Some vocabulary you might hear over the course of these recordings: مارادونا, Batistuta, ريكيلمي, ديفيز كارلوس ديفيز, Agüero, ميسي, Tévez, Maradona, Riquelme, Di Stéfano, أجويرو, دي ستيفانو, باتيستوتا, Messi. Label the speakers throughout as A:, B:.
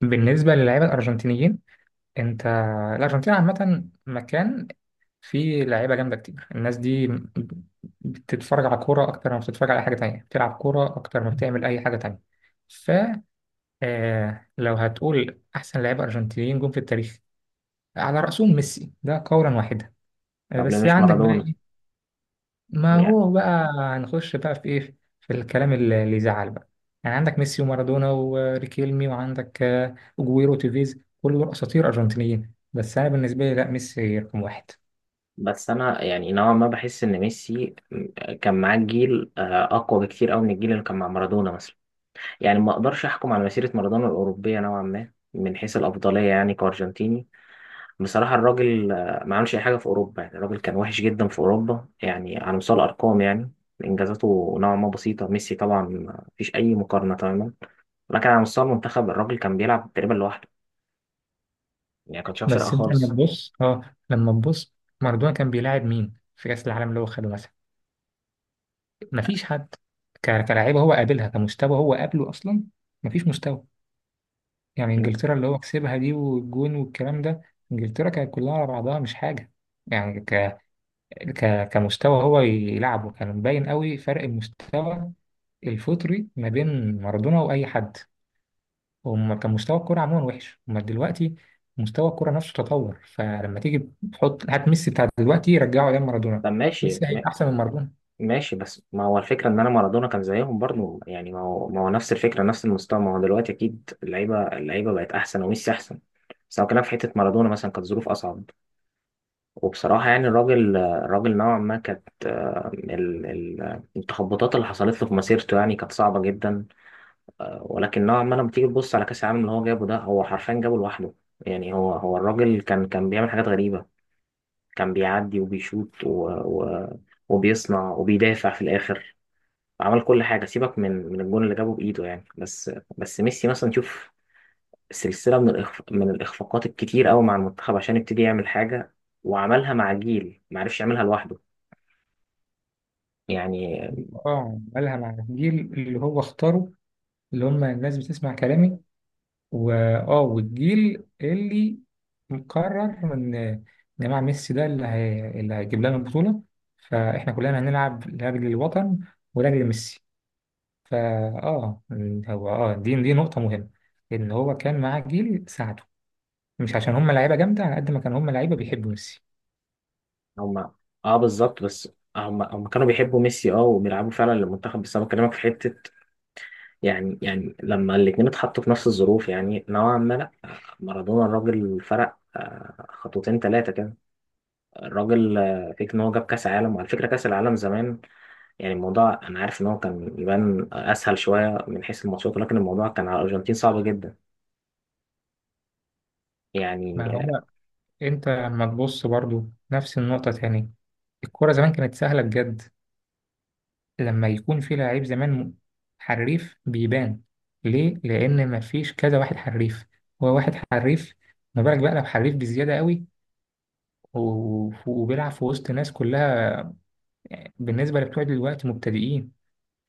A: بالنسبة للاعيبة الأرجنتينيين، أنت الأرجنتين عامة مكان فيه لعيبة جامدة كتير. الناس دي بتتفرج على كورة أكتر ما بتتفرج على حاجة تانية، بتلعب كورة أكتر ما بتعمل أي حاجة تانية. ف آه، لو هتقول أحسن لعيبة أرجنتينيين جم في التاريخ، على رأسهم ميسي ده قولا واحدا.
B: طب ليه
A: بس
B: مش
A: عندك بقى
B: مارادونا؟
A: إيه؟ ما
B: يعني،
A: هو بقى هنخش بقى في ايه في الكلام اللي يزعل بقى. يعني عندك ميسي ومارادونا وريكيلمي، وعندك اجويرو وتيفيز، كل دول اساطير ارجنتينيين. بس انا بالنسبه لي لا، ميسي رقم واحد.
B: بس انا يعني نوعا ما بحس ان ميسي كان معاه جيل اقوى بكتير قوي من الجيل اللي كان مع مارادونا مثلا. يعني ما اقدرش احكم على مسيره مارادونا الاوروبيه نوعا ما من حيث الافضليه، يعني كارجنتيني بصراحه الراجل ما عملش اي حاجه في اوروبا. يعني الراجل كان وحش جدا في اوروبا، يعني على مستوى الارقام، يعني انجازاته نوعا ما بسيطه. ميسي طبعا مفيش اي مقارنه تماما، لكن على مستوى المنتخب الراجل كان بيلعب تقريبا لوحده، يعني كان شايل فرقه
A: بس انت لما
B: خالص.
A: تبص، اه لما تبص مارادونا كان بيلاعب مين في كاس العالم اللي هو خده مثلا؟ مفيش حد. كلاعيبه هو قابلها، كمستوى هو قابله اصلا مفيش مستوى. يعني انجلترا اللي هو كسبها دي والجون والكلام ده، انجلترا كانت كلها على بعضها مش حاجه. يعني كمستوى هو يلعبه كان مبين قوي فرق المستوى الفطري ما بين مارادونا واي حد. هم كان مستوى الكوره عموما وحش. هم دلوقتي مستوى الكوره نفسه تطور، فلما تيجي تحط هات ميسي بتاع دلوقتي رجعه ايام مارادونا،
B: طب ماشي.
A: ميسي هيبقى احسن من مارادونا.
B: ماشي، بس ما هو الفكرة إن أنا مارادونا كان زيهم برضه. يعني ما هو نفس الفكرة نفس المستوى. ما هو دلوقتي أكيد اللعيبة اللعيبة بقت أحسن وميسي أحسن، بس هو كلام في حتة. مارادونا مثلا كانت ظروف أصعب، وبصراحة يعني الراجل نوعا ما كانت التخبطات اللي حصلت له في مسيرته يعني كانت صعبة جدا. ولكن نوعا ما لما تيجي تبص على كأس العالم اللي هو جابه، ده هو حرفيا جابه لوحده. يعني هو الراجل كان بيعمل حاجات غريبة. كان بيعدي وبيشوط وبيصنع وبيدافع في الآخر. عمل كل حاجه، سيبك من الجون اللي جابه بايده يعني. بس ميسي مثلا شوف، سلسله من الاخفاقات الكتير قوي مع المنتخب عشان يبتدي يعمل حاجه، وعملها مع جيل ما عرفش يعملها لوحده يعني.
A: اه، عملها مع الجيل اللي هو اختاره، اللي هم الناس بتسمع كلامي، واه والجيل اللي مقرر إن جماعة ميسي ده اللي هيجيب لنا البطولة، فاحنا كلنا هنلعب لاجل الوطن ولاجل ميسي. فا اه هو دي نقطة مهمة، ان هو كان معاه جيل ساعده، مش عشان هم لعيبة جامدة، على قد ما كان هم لعيبة بيحبوا ميسي.
B: هم، اه، بالظبط. بس هم كانوا بيحبوا ميسي اه وبيلعبوا فعلا للمنتخب، بس انا بكلمك في حته. يعني لما الاثنين اتحطوا في نفس الظروف يعني نوعا ما لا. مارادونا الراجل فرق خطوتين ثلاثه كده. الراجل فكره ان هو جاب كاس عالم، وعلى فكره كاس العالم زمان يعني الموضوع، انا عارف ان هو كان يبان اسهل شويه من حيث الماتشات، ولكن الموضوع كان على الارجنتين صعب جدا يعني.
A: ما هو انت لما تبص برضو نفس النقطة تاني، الكرة زمان كانت سهلة بجد. لما يكون في لعيب زمان حريف بيبان، ليه؟ لأن مفيش كذا واحد حريف، هو واحد حريف. ما بالك بقى لو حريف بزيادة قوي وبيلعب في وسط ناس كلها بالنسبة لبتوع دلوقتي مبتدئين؟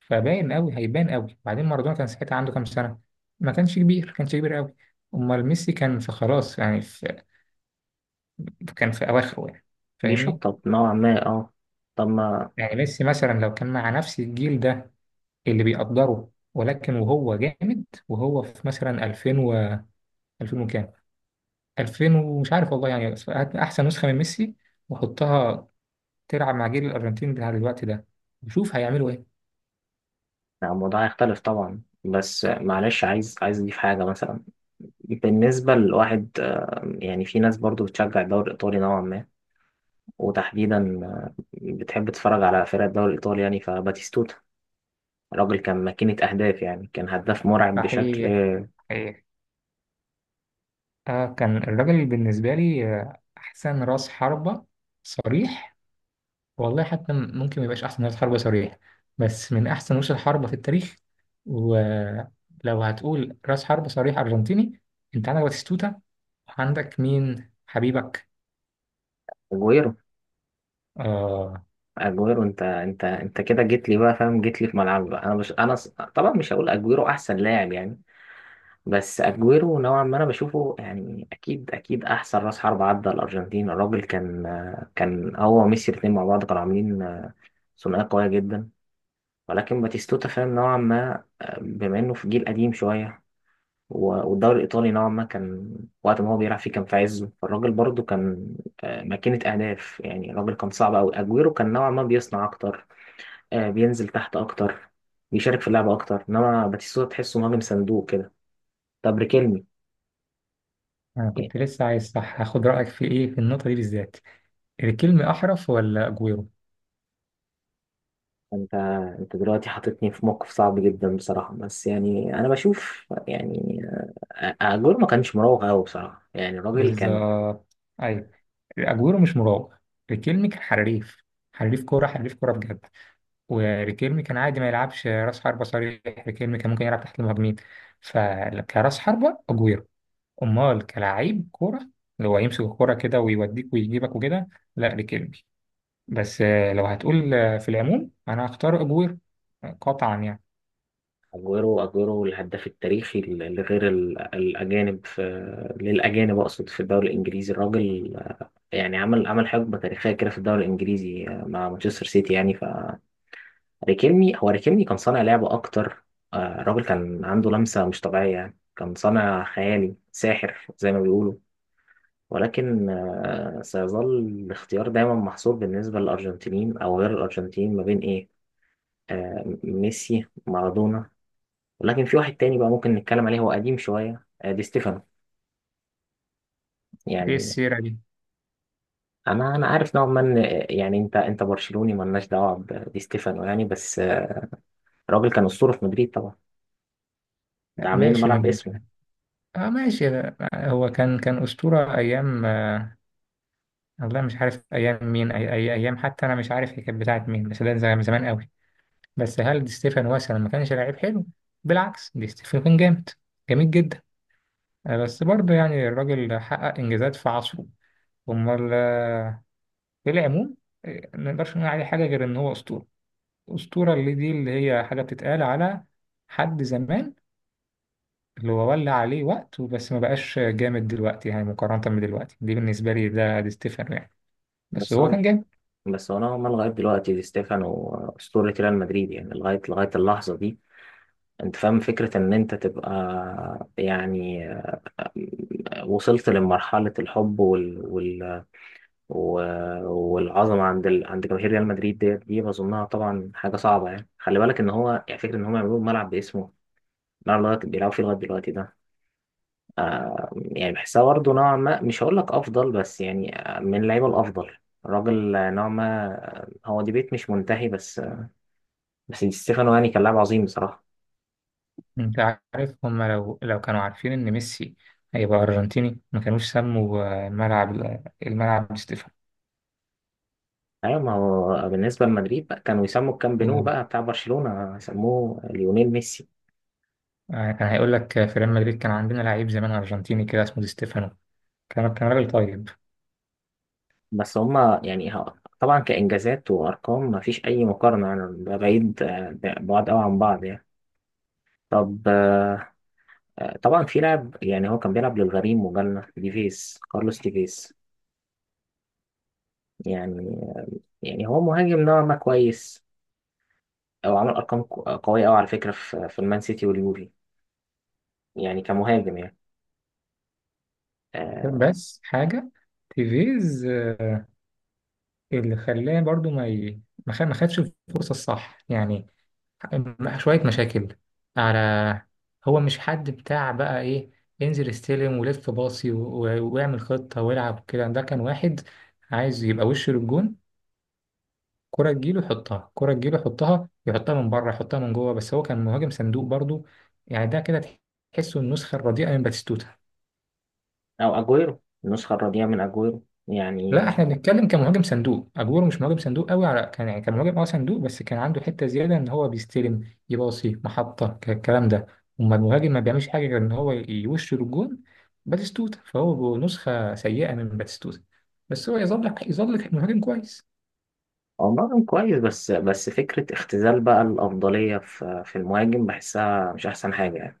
A: فباين قوي، هيبان قوي. بعدين مارادونا كان ساعتها عنده كام سنة؟ ما كانش كبير، كانش كبير قوي. أمال ميسي كان في خلاص، يعني في، كان في أواخره يعني، فاهمني؟
B: بيشطط نوعا ما اه. طب ما
A: يعني ميسي مثلا لو كان مع نفس الجيل ده اللي بيقدره، ولكن وهو جامد وهو في مثلا 2000 و، 2000 وكام، 2000 ومش عارف والله يعني، بس هات احسن نسخه من ميسي وحطها تلعب مع جيل الارجنتين بتاع دلوقتي ده، وشوف هيعملوا ايه.
B: يعني الموضوع هيختلف طبعا، بس معلش عايز اضيف حاجه مثلا. بالنسبه لواحد يعني في ناس برضو بتشجع الدوري الايطالي نوعا ما، وتحديدا بتحب تتفرج على فرق الدوري الايطالي. يعني فباتيستوتا الراجل كان ماكينه اهداف، يعني كان هداف مرعب بشكل
A: صحيح، صحيح. آه، كان الراجل بالنسبه لي احسن راس حربه صريح. والله حتى ممكن ما يبقاش احسن رأس حربة صريح، بس من احسن رؤوس الحربة في التاريخ. ولو هتقول رأس حربة صريح ارجنتيني، انت عندك باتيستوتا، وعندك مين حبيبك؟
B: اجويرو
A: اه.
B: اجويرو انت كده جيت لي بقى فاهم، جيت لي في ملعبي بقى. انا مش انا ص- طبعا مش هقول اجويرو احسن لاعب يعني، بس اجويرو نوعا ما انا بشوفه يعني اكيد احسن راس حرب عدى الارجنتين. الراجل كان هو وميسي الاثنين مع بعض كانوا عاملين ثنائيه قويه جدا. ولكن باتيستوتا فاهم نوعا ما، بما انه في جيل قديم شويه والدوري الايطالي نوعا ما كان وقت ما هو بيلعب فيه كان في عزه، فالراجل برضه كان ماكينه اهداف، يعني الراجل كان صعب قوي. اجويرو كان نوعا ما بيصنع اكتر، بينزل تحت اكتر، بيشارك في اللعبه اكتر، انما باتيستوتا تحسه مهاجم صندوق كده. طب ريكيلمي.
A: انا
B: يعني
A: كنت لسه عايز، صح، هاخد رأيك في ايه، في النقطة دي بالذات. الكلمة احرف ولا اجويرو؟
B: انت دلوقتي حاططني في موقف صعب جدا بصراحه، بس يعني انا بشوف يعني اجويرو ما كانش مراوغ قوي بصراحه، يعني الراجل كان.
A: بالظبط، ايوه، اجويرو مش مراوغ، الكلمة كان حريف. حريف كورة، حريف كورة بجد. وريكيرمي كان عادي ما يلعبش راس حربة صريح، ريكيرمي كان ممكن يلعب تحت المهاجمين. فكراس حربة أجويرو. أمال كلاعب كورة اللي هو يمسك الكورة كده ويوديك ويجيبك وكده، لا ريكيرمي. بس لو هتقول في العموم أنا هختار أجويرو قطعا يعني.
B: اجويرو الهداف التاريخي لغير الاجانب، في للاجانب اقصد في الدوري الانجليزي. الراجل يعني عمل حقبه تاريخيه كده في الدوري الانجليزي مع مانشستر سيتي يعني. ريكيلمي هو ريكيلمي كان صانع لعبة أكتر. الراجل كان عنده لمسة مش طبيعية، يعني كان صانع خيالي ساحر زي ما بيقولوا. ولكن سيظل الاختيار دايما محصور بالنسبة للأرجنتينيين أو غير الأرجنتينيين ما بين إيه، ميسي مارادونا. ولكن في واحد تاني بقى ممكن نتكلم عليه، هو قديم شوية دي ستيفانو.
A: إيه
B: يعني
A: السيرة دي؟
B: أنا عارف نوعا ما إن يعني أنت برشلوني مالناش دعوة بدي ستيفانو يعني، بس الراجل كان أسطورة في مدريد طبعا، ده
A: آه،
B: عاملين
A: ماشي
B: الملعب
A: من
B: باسمه.
A: اه ماشي، هو كان، كان أسطورة أيام، والله مش عارف أيام مين، أي أيام حتى أنا مش عارف هي كانت بتاعت مين، بس ده من زمان قوي. بس هل دي ستيفانو مثلا ما كانش لعيب حلو؟ بالعكس، دي ستيفانو كان جامد، جميل جدا. بس برضه يعني الراجل حقق انجازات في عصره. امال في العموم ما نقدرش نقول عليه حاجه غير ان هو اسطوره. اسطوره اللي دي اللي هي حاجه بتتقال على حد زمان، اللي هو ولى عليه وقت وبس، ما بقاش جامد دلوقتي يعني مقارنه بدلوقتي، دي بالنسبه لي ده دي ستيفانو يعني، بس
B: بس
A: هو
B: هو
A: كان جامد.
B: بس هو نوعا ما لغاية دلوقتي دي ستيفانو أسطورة ريال مدريد، يعني لغاية اللحظة دي. أنت فاهم فكرة إن أنت تبقى يعني وصلت لمرحلة الحب و- والعظمة عند عند جماهير ريال مدريد ديت دي، بظنها طبعا حاجة صعبة، يعني خلي بالك إن هو يعني فكرة إن هم يعملوا ملعب باسمه، الملعب اللي هو بيلعبوا فيه لغاية دلوقتي ده. يعني بحسها برضه نوعا ما، مش هقول لك أفضل بس يعني من اللعيبة الأفضل. الراجل نوعا ما هو ديبيت مش منتهي، بس دي ستيفانو يعني كان لاعب عظيم بصراحة.
A: انت عارف هما لو كانوا عارفين ان ميسي هيبقى ارجنتيني ما كانوش سموا الملعب، الملعب دي ستيفانو.
B: أيوة، ما هو بالنسبة لمدريد بقى كانوا يسموا الكامب نو
A: آه،
B: بقى بتاع برشلونة يسموه ليونيل ميسي.
A: كان هيقول لك في ريال مدريد كان عندنا لعيب زمان ارجنتيني كده اسمه دي ستيفانو، كان راجل طيب.
B: بس هما يعني طبعا كإنجازات وأرقام ما فيش أي مقارنة يعني، ده بعيد ده بعاد أوي عن بعض يعني. طب طبعا في لاعب يعني هو كان بيلعب للغريم وجالنا ديفيز، كارلوس ديفيز يعني يعني هو مهاجم نوعا ما كويس، أو عمل أرقام قوية أوي على فكرة في المان سيتي واليوفي، يعني كمهاجم يعني آه،
A: بس حاجه، تيفيز اللي خلاه برضو ما ي... ما خد- ما خدش الفرصه الصح يعني، شوية مشاكل على، هو مش حد بتاع بقى إيه، انزل استلم ولف باصي واعمل خطة والعب كده. ده كان واحد عايز يبقى وش للجون، كرة تجيله يحطها، كرة تجيله يحطها، يحطها من بره يحطها من جوه، بس هو كان مهاجم صندوق برضو. يعني ده كده تحسه النسخة الرديئة من باتيستوتا.
B: او اجويرو النسخه الرديئه من اجويرو يعني.
A: لا، احنا بنتكلم كمهاجم صندوق. اجويرو مش مهاجم صندوق قوي على كان، يعني كان مهاجم اه صندوق، بس كان عنده حته زياده ان هو بيستلم يباصي محطه الكلام ده. اما المهاجم ما بيعملش حاجه غير ان هو يوش الجون، باتيستوتا. فهو نسخه سيئه من باتيستوتا، بس هو يظل، يظل مهاجم كويس.
B: هو مهاجم كويس، بس فكره اختزال بقى الافضليه في المهاجم بحسها مش احسن حاجه يعني.